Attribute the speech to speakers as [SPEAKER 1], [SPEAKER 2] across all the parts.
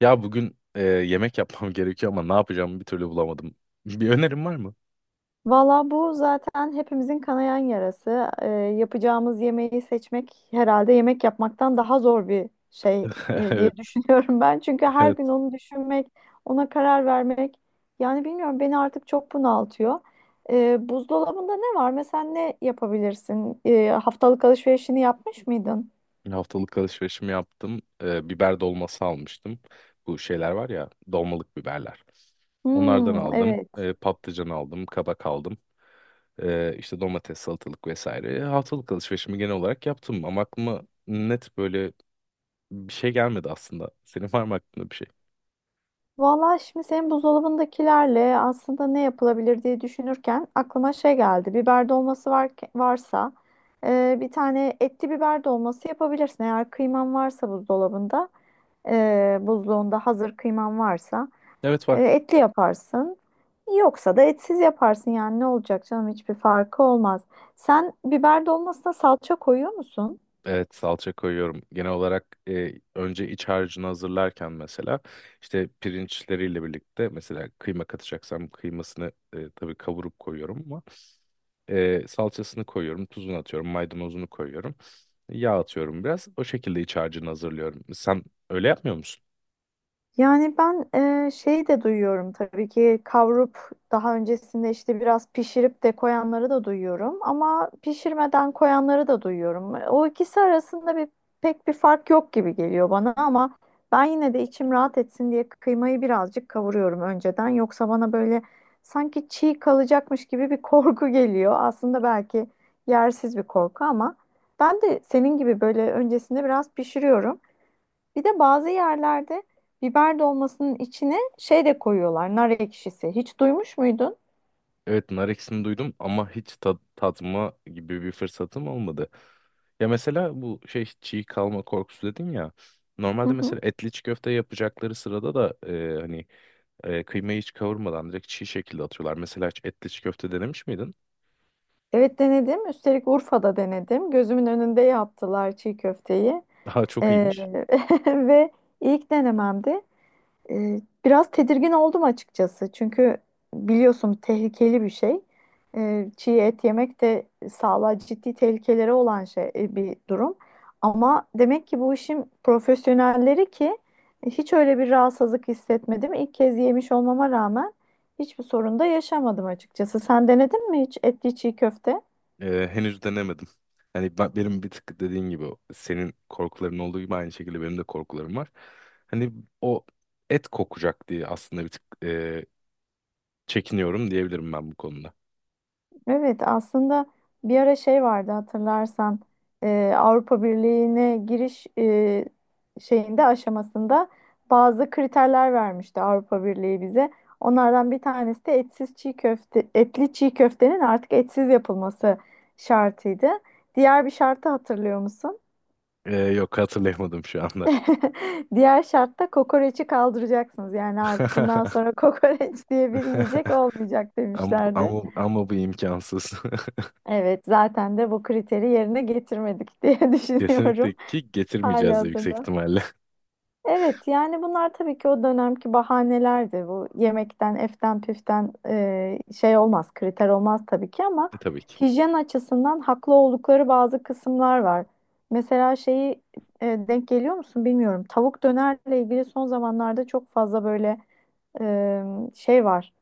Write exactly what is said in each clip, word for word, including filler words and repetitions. [SPEAKER 1] Ya bugün e, yemek yapmam gerekiyor ama ne yapacağımı bir türlü bulamadım. Bir önerim var mı?
[SPEAKER 2] Valla bu zaten hepimizin kanayan yarası. Ee, yapacağımız yemeği seçmek herhalde yemek yapmaktan daha zor bir şey e, diye
[SPEAKER 1] Evet,
[SPEAKER 2] düşünüyorum ben. Çünkü her gün
[SPEAKER 1] evet.
[SPEAKER 2] onu düşünmek, ona karar vermek yani bilmiyorum beni artık çok bunaltıyor. Ee, buzdolabında ne var? Mesela ne yapabilirsin? Ee, haftalık alışverişini yapmış mıydın?
[SPEAKER 1] Haftalık alışverişimi yaptım. E, biber dolması almıştım. Bu şeyler var ya, dolmalık biberler. Onlardan
[SPEAKER 2] Hmm,
[SPEAKER 1] aldım.
[SPEAKER 2] evet.
[SPEAKER 1] E, patlıcan aldım, kabak aldım. E, işte domates, salatalık vesaire. Haftalık alışverişimi genel olarak yaptım ama aklıma net böyle bir şey gelmedi aslında. Senin var mı aklında bir şey?
[SPEAKER 2] Vallahi şimdi senin buzdolabındakilerle aslında ne yapılabilir diye düşünürken aklıma şey geldi. Biber dolması var, varsa e, bir tane etli biber dolması yapabilirsin. Eğer kıyman varsa buzdolabında, e, buzluğunda hazır kıyman varsa
[SPEAKER 1] Evet
[SPEAKER 2] e,
[SPEAKER 1] var.
[SPEAKER 2] etli yaparsın. Yoksa da etsiz yaparsın yani ne olacak canım hiçbir farkı olmaz. Sen biber dolmasına salça koyuyor musun?
[SPEAKER 1] Evet, salça koyuyorum. Genel olarak e, önce iç harcını hazırlarken mesela işte pirinçleriyle birlikte mesela kıyma katacaksam kıymasını e, tabii kavurup koyuyorum ama e, salçasını koyuyorum, tuzunu atıyorum, maydanozunu koyuyorum. Yağ atıyorum biraz. O şekilde iç harcını hazırlıyorum. Sen öyle yapmıyor musun?
[SPEAKER 2] Yani ben e, şey de duyuyorum tabii ki kavrup daha öncesinde işte biraz pişirip de koyanları da duyuyorum ama pişirmeden koyanları da duyuyorum. E, O ikisi arasında bir pek bir fark yok gibi geliyor bana ama ben yine de içim rahat etsin diye kıymayı birazcık kavuruyorum önceden. Yoksa bana böyle sanki çiğ kalacakmış gibi bir korku geliyor. Aslında belki yersiz bir korku ama ben de senin gibi böyle öncesinde biraz pişiriyorum. Bir de bazı yerlerde biber dolmasının içine şey de koyuyorlar, nar ekşisi. Hiç duymuş muydun?
[SPEAKER 1] Evet, nar ekşisini duydum ama hiç tad tatma gibi bir fırsatım olmadı. Ya mesela bu şey çiğ kalma korkusu dedin ya.
[SPEAKER 2] Hı
[SPEAKER 1] Normalde
[SPEAKER 2] hı.
[SPEAKER 1] mesela etli çiğ köfte yapacakları sırada da e, hani E, kıymayı hiç kavurmadan direkt çiğ şekilde atıyorlar. Mesela hiç etli çiğ köfte denemiş miydin?
[SPEAKER 2] Evet denedim. Üstelik Urfa'da denedim. Gözümün önünde yaptılar çiğ köfteyi.
[SPEAKER 1] Daha çok
[SPEAKER 2] Ee,
[SPEAKER 1] iyiymiş.
[SPEAKER 2] ve ilk denememdi. E, biraz tedirgin oldum açıkçası. Çünkü biliyorsun tehlikeli bir şey. E, çiğ et yemek de sağlığa ciddi tehlikeleri olan şey e, bir durum. Ama demek ki bu işin profesyonelleri ki e, hiç öyle bir rahatsızlık hissetmedim. İlk kez yemiş olmama rağmen hiçbir sorun da yaşamadım açıkçası. Sen denedin mi hiç etli çiğ köfte?
[SPEAKER 1] E, henüz denemedim. Hani ben, benim bir tık dediğin gibi o- senin korkuların olduğu gibi aynı şekilde benim de korkularım var. Hani o et kokacak diye aslında bir tık e, çekiniyorum diyebilirim ben bu konuda.
[SPEAKER 2] Evet aslında bir ara şey vardı hatırlarsan e, Avrupa Birliği'ne giriş e, şeyinde aşamasında bazı kriterler vermişti Avrupa Birliği bize. Onlardan bir tanesi de etsiz çiğ köfte, etli çiğ köftenin artık etsiz yapılması şartıydı. Diğer bir şartı hatırlıyor musun?
[SPEAKER 1] E, yok, hatırlayamadım şu anda.
[SPEAKER 2] Diğer şartta kokoreçi kaldıracaksınız. Yani artık bundan sonra kokoreç diye bir yiyecek olmayacak
[SPEAKER 1] Ama,
[SPEAKER 2] demişlerdi.
[SPEAKER 1] ama, ama bu imkansız.
[SPEAKER 2] Evet, zaten de bu kriteri yerine getirmedik diye
[SPEAKER 1] Kesinlikle
[SPEAKER 2] düşünüyorum
[SPEAKER 1] ki getirmeyeceğiz de yüksek
[SPEAKER 2] halihazırda.
[SPEAKER 1] ihtimalle.
[SPEAKER 2] Evet, yani bunlar tabii ki o dönemki bahanelerdi. Bu yemekten, eften, püften e, şey olmaz, kriter olmaz tabii ki ama
[SPEAKER 1] E, tabii ki.
[SPEAKER 2] hijyen açısından haklı oldukları bazı kısımlar var. Mesela şeyi e, denk geliyor musun bilmiyorum. Tavuk dönerle ilgili son zamanlarda çok fazla böyle e, şey var.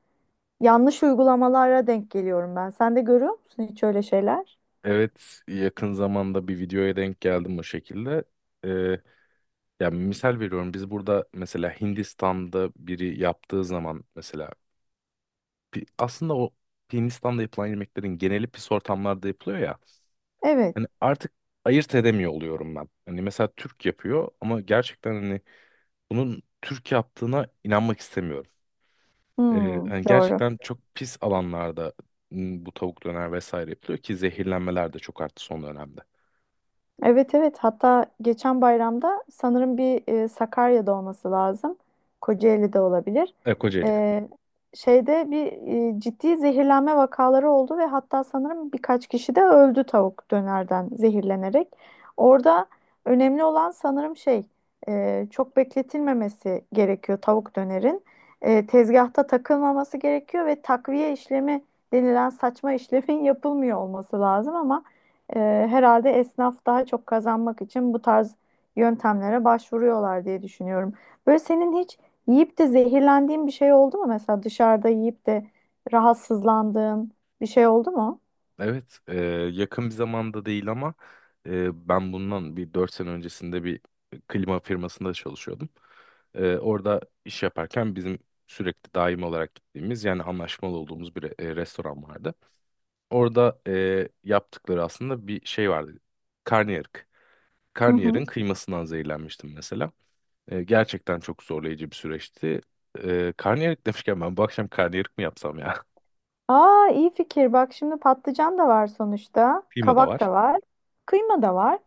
[SPEAKER 2] Yanlış uygulamalara denk geliyorum ben. Sen de görüyor musun hiç öyle şeyler?
[SPEAKER 1] Evet, yakın zamanda bir videoya denk geldim o şekilde. Ee, Yani misal veriyorum biz burada mesela Hindistan'da biri yaptığı zaman mesela pi- aslında o Hindistan'da yapılan yemeklerin geneli pis ortamlarda yapılıyor ya.
[SPEAKER 2] Evet.
[SPEAKER 1] Hani artık ayırt edemiyor oluyorum ben. Hani mesela Türk yapıyor ama gerçekten hani bunun Türk yaptığına inanmak istemiyorum. Ee,
[SPEAKER 2] Hmm,
[SPEAKER 1] hani
[SPEAKER 2] doğru.
[SPEAKER 1] gerçekten çok pis alanlarda m, bu tavuk döner vesaire yapılıyor ki zehirlenmeler de çok arttı son dönemde.
[SPEAKER 2] Evet, evet, hatta geçen bayramda sanırım bir e, Sakarya'da olması lazım. Kocaeli'de olabilir.
[SPEAKER 1] E, Kocaeli.
[SPEAKER 2] E, Şeyde bir e, ciddi zehirlenme vakaları oldu ve hatta sanırım birkaç kişi de öldü tavuk dönerden zehirlenerek. Orada önemli olan sanırım şey e, çok bekletilmemesi gerekiyor tavuk dönerin. E, tezgahta takılmaması gerekiyor ve takviye işlemi denilen saçma işlemin yapılmıyor olması lazım ama E, herhalde esnaf daha çok kazanmak için bu tarz yöntemlere başvuruyorlar diye düşünüyorum. Böyle senin hiç yiyip de zehirlendiğin bir şey oldu mu? Mesela dışarıda yiyip de rahatsızlandığın bir şey oldu mu?
[SPEAKER 1] Evet, e, yakın bir zamanda değil ama e, ben bundan bir dört sene öncesinde bir klima firmasında çalışıyordum. E, orada iş yaparken bizim sürekli daim olarak gittiğimiz yani anlaşmalı olduğumuz bir e, restoran vardı. Orada e, yaptıkları aslında bir şey vardı. Karnıyarık.
[SPEAKER 2] Hı
[SPEAKER 1] Karnıyarığın
[SPEAKER 2] hı.
[SPEAKER 1] kıymasından zehirlenmiştim mesela. E, gerçekten çok zorlayıcı bir süreçti. E, karnıyarık demişken ben bu akşam karnıyarık mı yapsam ya?
[SPEAKER 2] Aa iyi fikir. Bak şimdi patlıcan da var sonuçta.
[SPEAKER 1] Kıyma da
[SPEAKER 2] Kabak
[SPEAKER 1] var.
[SPEAKER 2] da var. Kıyma da var.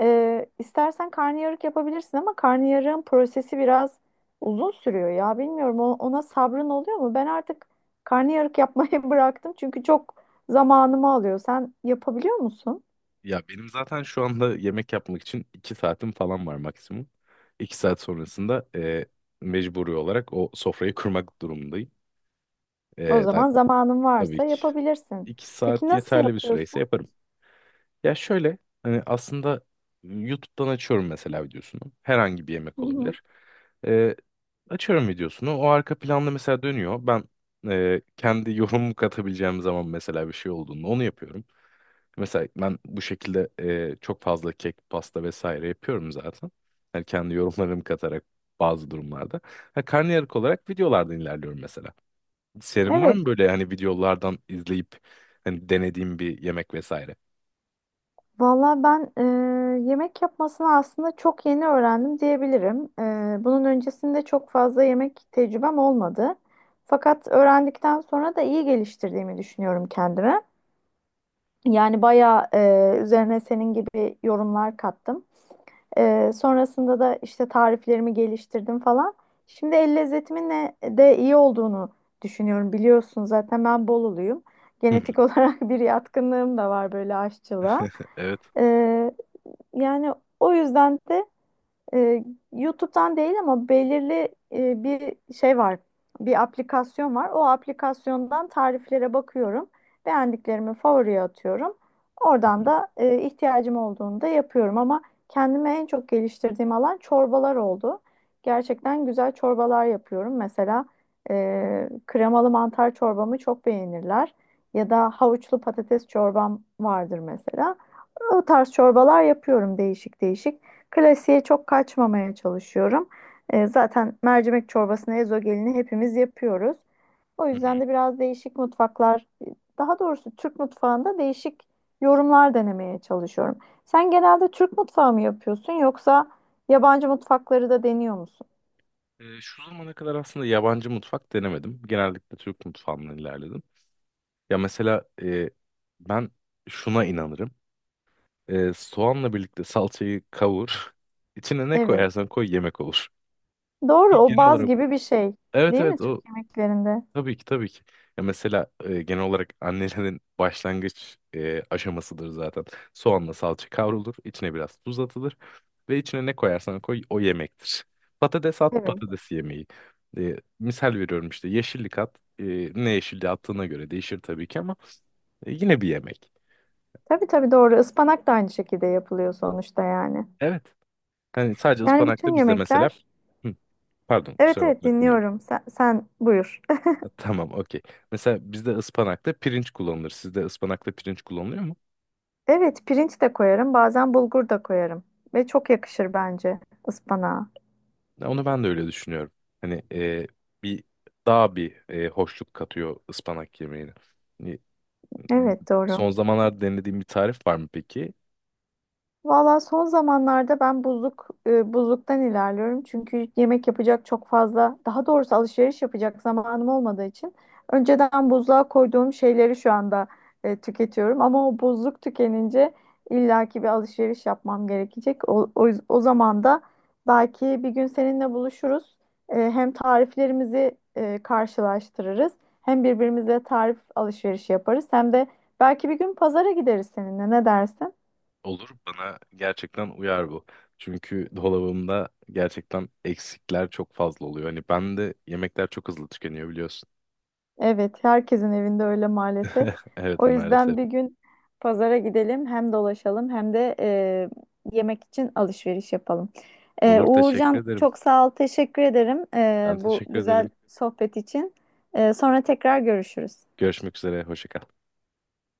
[SPEAKER 2] Ee, istersen karnıyarık yapabilirsin ama karnıyarığın prosesi biraz uzun sürüyor ya. Bilmiyorum o- ona sabrın oluyor mu? Ben artık karnıyarık yapmayı bıraktım çünkü çok zamanımı alıyor. Sen yapabiliyor musun?
[SPEAKER 1] Ya benim zaten şu anda yemek yapmak için iki saatim falan var maksimum. İki saat sonrasında e, mecburi olarak o sofrayı kurmak durumundayım.
[SPEAKER 2] O
[SPEAKER 1] E, da,
[SPEAKER 2] zaman zamanın
[SPEAKER 1] tabii
[SPEAKER 2] varsa
[SPEAKER 1] ki
[SPEAKER 2] yapabilirsin.
[SPEAKER 1] iki
[SPEAKER 2] Peki
[SPEAKER 1] saat
[SPEAKER 2] nasıl
[SPEAKER 1] yeterli bir süreyse
[SPEAKER 2] yapıyorsun?
[SPEAKER 1] yaparım. Ya şöyle, hani aslında YouTube'dan açıyorum mesela videosunu. Herhangi bir
[SPEAKER 2] Hı
[SPEAKER 1] yemek
[SPEAKER 2] hı.
[SPEAKER 1] olabilir. E, açıyorum videosunu. O arka planda mesela dönüyor. Ben e, kendi yorumumu katabileceğim zaman mesela bir şey olduğunda onu yapıyorum. Mesela ben bu şekilde e, çok fazla kek, pasta vesaire yapıyorum zaten. Yani kendi yorumlarımı katarak bazı durumlarda. Ha, karnıyarık olarak videolardan ilerliyorum mesela. Senin var
[SPEAKER 2] Evet.
[SPEAKER 1] mı böyle hani videolardan izleyip hani denediğim bir yemek vesaire?
[SPEAKER 2] Valla ben eee, yemek yapmasını aslında çok yeni öğrendim diyebilirim. Eee, bunun öncesinde çok fazla yemek tecrübem olmadı. Fakat öğrendikten sonra da iyi geliştirdiğimi düşünüyorum kendime. Yani bayağı eee, üzerine senin gibi yorumlar kattım. Eee, sonrasında da işte tariflerimi geliştirdim falan. Şimdi el lezzetimin ne- de iyi olduğunu düşünüyorum. Biliyorsun zaten ben Bolulu'yum.
[SPEAKER 1] Hı hı.
[SPEAKER 2] Genetik olarak bir yatkınlığım da var böyle aşçılığa.
[SPEAKER 1] Evet.
[SPEAKER 2] Yani o yüzden de e, YouTube'dan değil ama belirli e, bir şey var. Bir aplikasyon var. O aplikasyondan tariflere bakıyorum. Beğendiklerimi favoriye atıyorum.
[SPEAKER 1] Hı hı.
[SPEAKER 2] Oradan da e, ihtiyacım olduğunda yapıyorum ama kendime en çok geliştirdiğim alan çorbalar oldu. Gerçekten güzel çorbalar yapıyorum. Mesela e, kremalı mantar çorbamı çok beğenirler. Ya da havuçlu patates çorbam vardır mesela. O tarz çorbalar yapıyorum değişik değişik. Klasiğe çok kaçmamaya çalışıyorum. E, zaten mercimek çorbasını, ezogelini hepimiz yapıyoruz. O
[SPEAKER 1] Hı hı.
[SPEAKER 2] yüzden de biraz değişik mutfaklar, daha doğrusu Türk mutfağında değişik yorumlar denemeye çalışıyorum. Sen genelde Türk mutfağı mı yapıyorsun yoksa yabancı mutfakları da deniyor musun?
[SPEAKER 1] Ee, şu zamana kadar aslında yabancı mutfak denemedim. Genellikle Türk mutfağından ilerledim. Ya mesela e, ben şuna inanırım. Ee, soğanla birlikte salçayı kavur. İçine ne
[SPEAKER 2] Evet.
[SPEAKER 1] koyarsan koy yemek olur.
[SPEAKER 2] Doğru,
[SPEAKER 1] Bir
[SPEAKER 2] o
[SPEAKER 1] genel
[SPEAKER 2] baz
[SPEAKER 1] olarak,
[SPEAKER 2] gibi bir şey,
[SPEAKER 1] evet
[SPEAKER 2] değil mi
[SPEAKER 1] evet,
[SPEAKER 2] Türk
[SPEAKER 1] o
[SPEAKER 2] yemeklerinde?
[SPEAKER 1] tabii ki tabii ki. Ya mesela e, genel olarak annelerin başlangıç e, aşamasıdır zaten. Soğanla salça kavrulur, içine biraz tuz atılır ve içine ne koyarsan koy o yemektir. Patates at,
[SPEAKER 2] Evet.
[SPEAKER 1] patates yemeği. E, misal veriyorum işte yeşillik at. E, ne yeşilliği attığına göre değişir tabii ki ama e, yine bir yemek.
[SPEAKER 2] Tabii, tabii, doğru. Ispanak da aynı şekilde yapılıyor sonuçta yani.
[SPEAKER 1] Evet. Hani sadece
[SPEAKER 2] Yani bütün
[SPEAKER 1] ıspanakta bizde mesela
[SPEAKER 2] yemekler.
[SPEAKER 1] Hı. Pardon,
[SPEAKER 2] Evet,
[SPEAKER 1] kusura
[SPEAKER 2] evet,
[SPEAKER 1] bakma, dinliyorum.
[SPEAKER 2] dinliyorum. Sen, sen buyur.
[SPEAKER 1] Ha, tamam, okey. Mesela bizde ıspanakta pirinç kullanılır. Sizde ıspanakta pirinç kullanılıyor mu?
[SPEAKER 2] Evet pirinç de koyarım. Bazen bulgur da koyarım. Ve çok yakışır bence ıspanağa.
[SPEAKER 1] Ya onu ben de öyle düşünüyorum. Hani e, bir daha bir e, hoşluk katıyor ıspanak yemeğine. Hani,
[SPEAKER 2] Evet doğru.
[SPEAKER 1] son zamanlarda denediğim bir tarif var mı peki?
[SPEAKER 2] Valla son zamanlarda ben buzluk e, buzluktan ilerliyorum. Çünkü yemek yapacak çok fazla, daha doğrusu alışveriş yapacak zamanım olmadığı için önceden buzluğa koyduğum şeyleri şu anda e, tüketiyorum. Ama o buzluk tükenince illaki bir alışveriş yapmam gerekecek. O, o, yüz- o zaman da belki bir gün seninle buluşuruz. E, hem tariflerimizi e, karşılaştırırız, hem birbirimizle tarif alışverişi yaparız, hem de belki bir gün pazara gideriz seninle. Ne dersin?
[SPEAKER 1] Olur, bana gerçekten uyar bu. Çünkü dolabımda gerçekten eksikler çok fazla oluyor. Hani ben de yemekler çok hızlı tükeniyor biliyorsun.
[SPEAKER 2] Evet, herkesin evinde öyle maalesef.
[SPEAKER 1] Evet,
[SPEAKER 2] O yüzden
[SPEAKER 1] maalesef.
[SPEAKER 2] bir gün pazara gidelim, hem dolaşalım hem de e, yemek için alışveriş yapalım. E,
[SPEAKER 1] Olur, teşekkür
[SPEAKER 2] Uğurcan
[SPEAKER 1] ederim.
[SPEAKER 2] çok sağ ol, teşekkür ederim e,
[SPEAKER 1] Ben
[SPEAKER 2] bu
[SPEAKER 1] teşekkür
[SPEAKER 2] güzel
[SPEAKER 1] ederim.
[SPEAKER 2] sohbet için. E, sonra tekrar görüşürüz.
[SPEAKER 1] Görüşmek üzere. Hoşça kal.